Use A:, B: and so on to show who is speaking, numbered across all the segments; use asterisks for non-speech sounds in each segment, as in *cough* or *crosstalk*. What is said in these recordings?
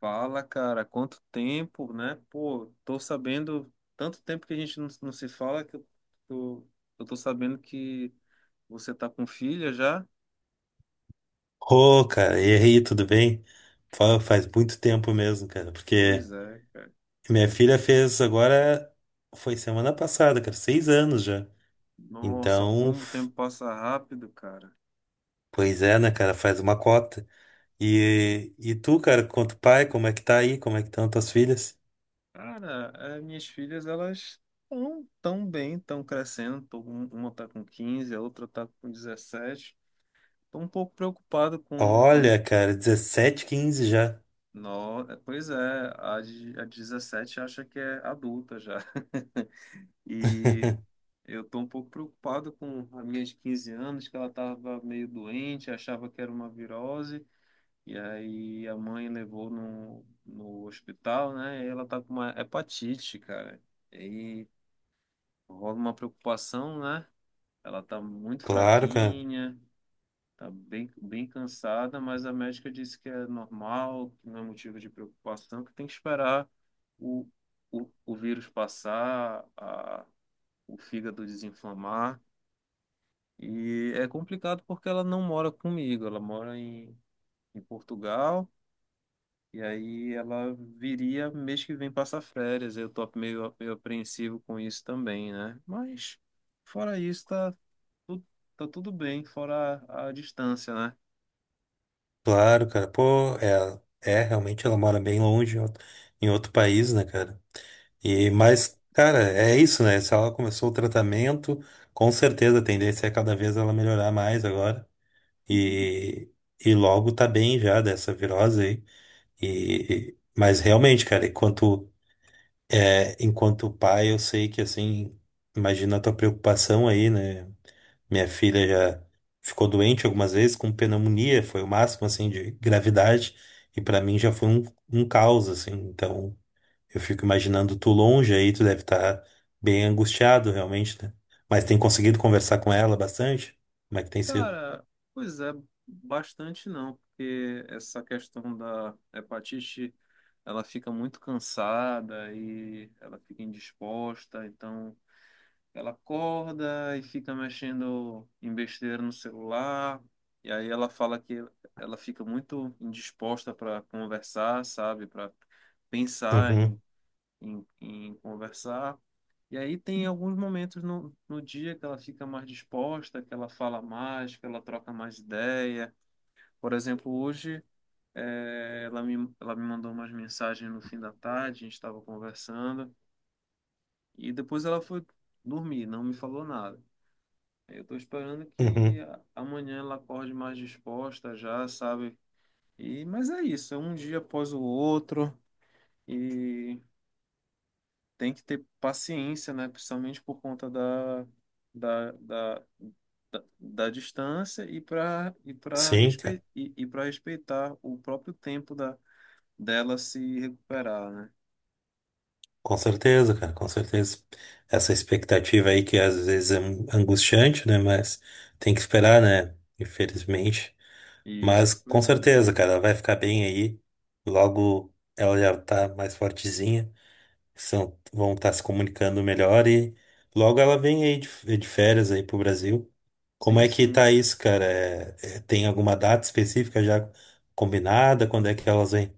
A: Fala, cara, quanto tempo, né? Pô, tô sabendo, tanto tempo que a gente não se fala que tô, eu tô sabendo que você tá com filha já?
B: Ô, cara, errei, tudo bem? Faz muito tempo mesmo, cara, porque
A: Pois é, cara.
B: minha filha fez agora, foi semana passada, cara, 6 anos já.
A: Nossa,
B: Então,
A: como o tempo passa rápido, cara.
B: pois é, né, cara, faz uma cota. E tu, cara, quanto pai, como é que tá aí? Como é que estão tuas filhas?
A: Cara, as minhas filhas, elas estão tão bem, estão crescendo. Tô, uma tá com 15 a outra tá com 17. Tô um pouco preocupado com a...
B: Olha, cara, 17, 15 já.
A: No, pois é, a de 17 acha que é adulta já. *laughs* E
B: *laughs*
A: eu tô um pouco preocupado com a minha de 15 anos, que ela estava meio doente, achava que era uma virose, e aí a mãe levou no hospital, né? E ela tá com uma hepatite, cara. E aí rola uma preocupação, né? Ela tá muito
B: Claro, cara.
A: fraquinha, tá bem, bem cansada, mas a médica disse que é normal, que não é motivo de preocupação, que tem que esperar o, o vírus passar, o fígado desinflamar. E é complicado porque ela não mora comigo, ela mora em, em Portugal, e aí ela viria mês que vem passar férias. Eu tô meio, meio apreensivo com isso também, né? Mas fora isso, tá, tu- tá tudo bem, fora a distância, né?
B: Claro, cara. Pô, é, é realmente ela mora bem longe, em outro país, né, cara? E, mas, cara, é isso, né? Se ela começou o tratamento, com certeza a tendência é cada vez ela melhorar mais agora.
A: Uhum.
B: E, e logo tá bem já dessa virose aí. E, mas realmente, cara, enquanto, é, enquanto pai, eu sei que, assim, imagina a tua preocupação aí, né? Minha filha já ficou doente algumas vezes com pneumonia, foi o máximo assim de gravidade, e pra mim já foi um, um caos assim. Então, eu fico imaginando tu longe aí, tu deve estar bem angustiado realmente, né? Mas tem conseguido conversar com ela bastante? Como é que tem sido?
A: Cara, pois é, bastante não, porque essa questão da hepatite, ela fica muito cansada e ela fica indisposta, então. Ela acorda e fica mexendo em besteira no celular. E aí ela fala que ela fica muito indisposta para conversar, sabe? Para pensar em,
B: Uhum,
A: em conversar. E aí tem alguns momentos no dia que ela fica mais disposta, que ela fala mais, que ela troca mais ideia. Por exemplo, hoje ela me mandou umas mensagens no fim da tarde, a gente estava conversando. E depois ela foi dormir, não me falou nada. Eu tô esperando que
B: uhum.
A: amanhã ela acorde mais disposta já, sabe? E, mas é isso, é um dia após o outro e tem que ter paciência, né? Principalmente por conta da, da, da distância
B: Sim, cara,
A: e para respeitar o próprio tempo da, dela se recuperar, né?
B: com certeza, cara, com certeza. Essa expectativa aí que às vezes é angustiante, né? Mas tem que esperar, né? Infelizmente.
A: E
B: Mas
A: isso,
B: com
A: pois é.
B: certeza, cara, ela vai ficar bem aí. Logo ela já tá mais fortezinha. São, vão estar se comunicando melhor e logo ela vem aí de férias aí pro Brasil. Como
A: Sim,
B: é que
A: sim.
B: tá isso, cara? Tem alguma data específica já combinada? Quando é que elas vêm?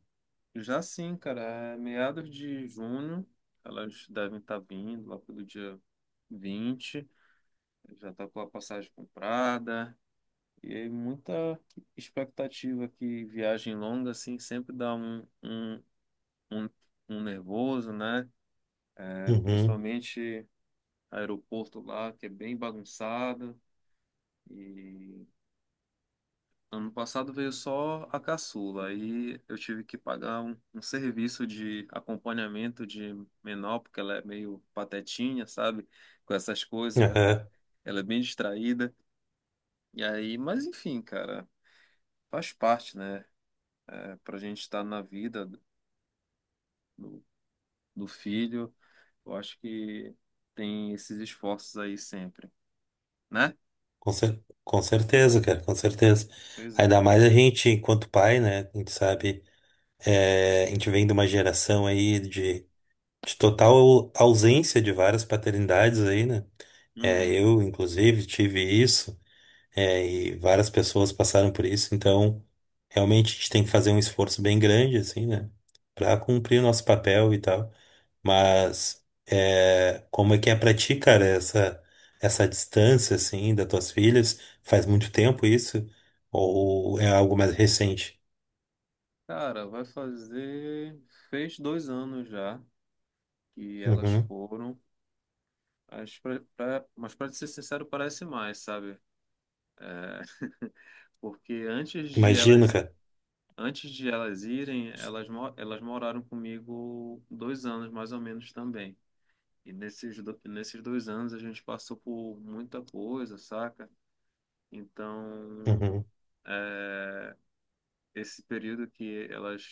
A: Já sim, cara, é meados de junho, elas devem estar vindo lá pelo dia 20, já está com a passagem comprada. E aí muita expectativa que viagem longa, assim, sempre dá um, um nervoso, né? É,
B: Uhum.
A: principalmente aeroporto lá, que é bem bagunçado. E ano passado veio só a caçula. Aí eu tive que pagar um serviço de acompanhamento de menor, porque ela é meio patetinha, sabe? Com essas coisas.
B: Aham.
A: Ela é bem distraída. E aí, mas enfim, cara, faz parte, né? É, para a gente estar na vida do, do filho, eu acho que tem esses esforços aí sempre, né?
B: Com certeza, cara, com certeza.
A: Pois é.
B: Ainda mais a gente, enquanto pai, né? A gente sabe, é, a gente vem de uma geração aí de total ausência de várias paternidades aí, né? É,
A: Uhum.
B: eu, inclusive, tive isso, é, e várias pessoas passaram por isso, então realmente a gente tem que fazer um esforço bem grande, assim, né? Pra cumprir o nosso papel e tal. Mas é, como é que é pra ti, cara, essa distância, assim, das tuas filhas? Faz muito tempo isso? Ou é algo mais recente?
A: Cara, vai fazer. Fez dois anos já que elas
B: Uhum.
A: foram. Mas pra ser sincero, parece mais, sabe? É, *laughs* porque
B: Imagino, cara.
A: antes de elas irem, elas, elas moraram comigo dois anos mais ou menos também. E nesses dois anos a gente passou por muita coisa, saca? Então,
B: Uhum.
A: é, esse período que elas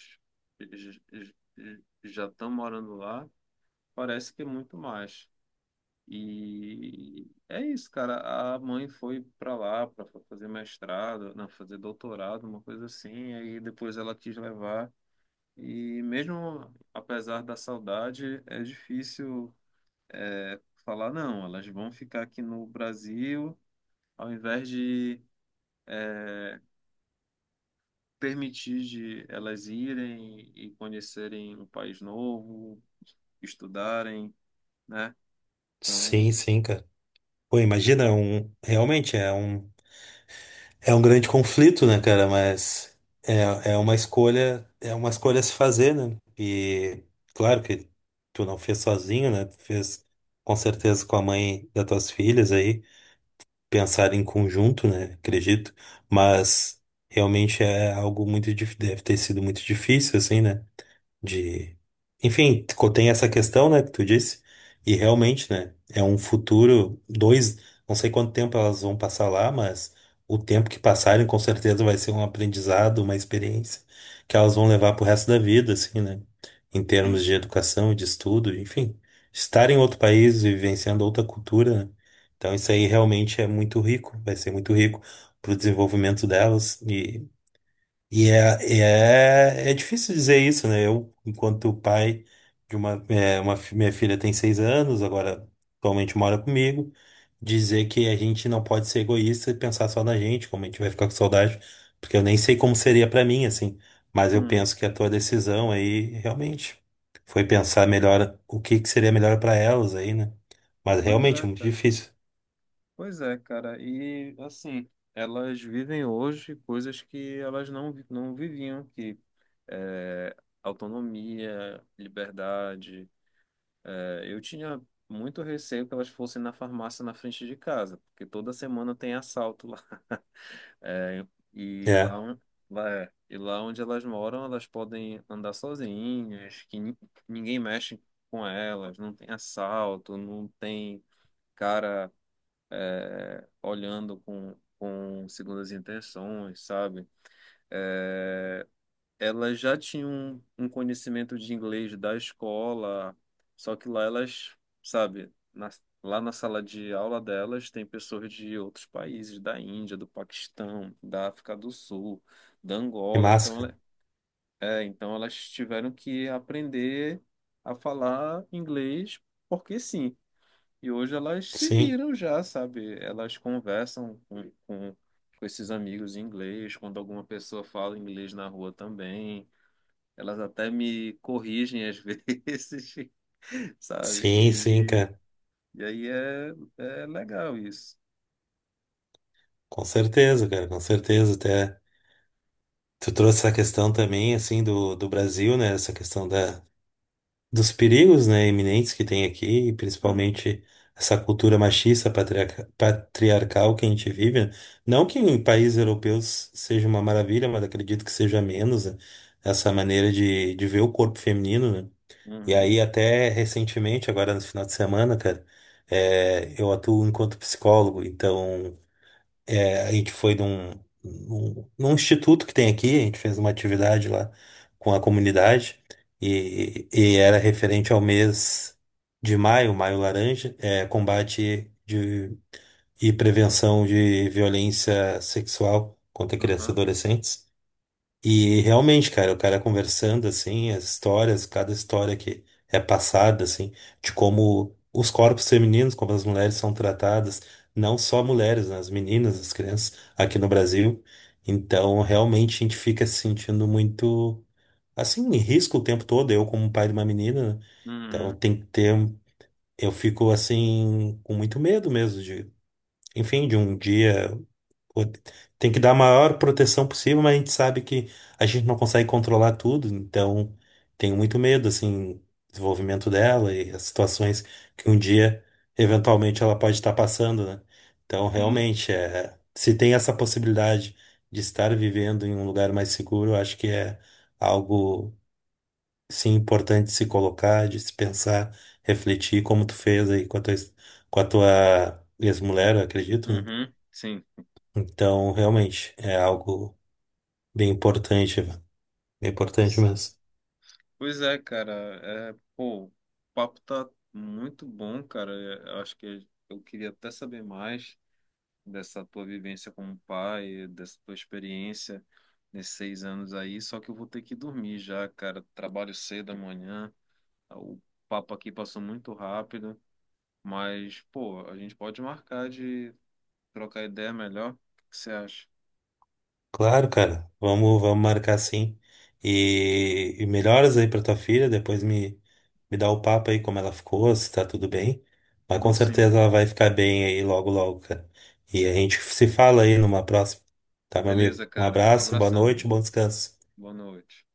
A: já estão morando lá, parece que é muito mais. E é isso, cara. A mãe foi para lá para fazer mestrado, não, fazer doutorado, uma coisa assim, aí depois ela quis levar. E mesmo apesar da saudade, é difícil é, falar, não, elas vão ficar aqui no Brasil, ao invés de é, permitir de elas irem e conhecerem um país novo, estudarem, né?
B: Sim,
A: Então,
B: sim, cara. Pô, imagina, é um, realmente é um grande conflito, né, cara? Mas é, é uma escolha a se fazer, né? E claro que tu não fez sozinho, né? Tu fez com certeza com a mãe das tuas filhas aí, pensar em conjunto, né? Acredito. Mas realmente é algo muito, deve ter sido muito difícil, assim, né? De, enfim, tem essa questão, né, que tu disse, e realmente, né, é um futuro, dois, não sei quanto tempo elas vão passar lá, mas o tempo que passarem com certeza vai ser um aprendizado, uma experiência que elas vão levar pro resto da vida, assim, né, em termos
A: sim.
B: de educação e de estudo, enfim, estar em outro país e vivenciando outra cultura, né, então isso aí realmente é muito rico, vai ser muito rico pro desenvolvimento delas e é difícil dizer isso, né? Eu, enquanto pai de uma, é, uma minha filha tem 6 anos, agora atualmente mora comigo, dizer que a gente não pode ser egoísta e pensar só na gente, como a gente vai ficar com saudade, porque eu nem sei como seria pra mim, assim. Mas eu
A: Hum.
B: penso que a tua decisão aí realmente foi pensar melhor o que que seria melhor pra elas aí, né? Mas
A: Pois
B: realmente é
A: é,
B: muito
A: cara.
B: difícil.
A: Pois é, cara. E assim, elas vivem hoje coisas que elas não viviam, que é, autonomia, liberdade. Eu tinha muito receio que elas fossem na farmácia na frente de casa, porque toda semana tem assalto lá. *laughs* É, e lá,
B: É,
A: lá, e lá onde elas moram, elas podem andar sozinhas, que ninguém mexe com elas, não tem assalto, não tem cara olhando com segundas intenções, sabe? É, ela já tinha um conhecimento de inglês da escola, só que lá elas, sabe, lá na sala de aula delas tem pessoas de outros países, da Índia, do Paquistão, da África do Sul, da
B: que
A: Angola, então,
B: máscara.
A: é, então elas tiveram que aprender a falar inglês porque sim. E hoje elas se
B: Sim,
A: viram já, sabe? Elas conversam com esses amigos em inglês, quando alguma pessoa fala inglês na rua também. Elas até me corrigem às *laughs* vezes, sabe?
B: sim, sim, cara.
A: E aí é, é legal isso.
B: Com certeza, cara, com certeza, até. Tu trouxe essa questão também, assim, do, do Brasil, né? Essa questão da, dos perigos, né, iminentes que tem aqui, e
A: Hum.
B: principalmente essa cultura machista, patriarcal que a gente vive, né? Não que em países europeus seja uma maravilha, mas acredito que seja menos, né? Essa maneira de ver o corpo feminino, né? E
A: Uhum.
B: aí, até recentemente, agora no final de semana, cara, é, eu atuo enquanto psicólogo, então. É, a gente foi num, num, num instituto que tem aqui, a gente fez uma atividade lá com a comunidade e era referente ao mês de maio, Maio Laranja, é, combate de, e prevenção de violência sexual contra crianças e
A: Aham.
B: adolescentes. E realmente, cara, o cara conversando assim, as histórias, cada história que é passada, assim, de como os corpos femininos, como as mulheres são tratadas, não só mulheres, né, as meninas, as crianças aqui no Brasil. Então, realmente a gente fica se sentindo muito assim, em risco o tempo todo, eu como pai de uma menina, né? Então
A: Uhum.
B: tem que ter, eu fico assim com muito medo mesmo de, enfim, de um dia, pô, tem que dar a maior proteção possível, mas a gente sabe que a gente não consegue controlar tudo, então tenho muito medo, assim, do desenvolvimento dela e as situações que um dia, eventualmente, ela pode estar passando, né? Então,
A: Sim.
B: realmente, é, se tem essa possibilidade de estar vivendo em um lugar mais seguro, eu acho que é algo, sim, importante de se colocar, de se pensar, refletir, como tu fez aí com a tua ex-mulher, eu acredito, né?
A: Uhum. Sim,
B: Então, realmente, é algo bem importante, velho. Bem importante
A: sim.
B: mesmo.
A: Pois é, cara. É, pô, o papo tá muito bom, cara. Eu acho que eu queria até saber mais dessa tua vivência como pai, dessa tua experiência nesses seis anos aí. Só que eu vou ter que dormir já, cara. Trabalho cedo amanhã. O papo aqui passou muito rápido, mas, pô, a gente pode marcar de trocar ideia melhor. O que você acha?
B: Claro, cara, vamos, vamos marcar sim. E melhoras aí pra tua filha, depois me, me dá o papo aí como ela ficou, se tá tudo bem. Mas com
A: Dou sim,
B: certeza
A: cara.
B: ela vai ficar bem aí logo, logo, cara. E a gente se fala aí numa próxima. Tá, meu
A: Beleza,
B: amigo? Um
A: cara.
B: abraço, boa
A: Abração.
B: noite, bom descanso.
A: Boa noite.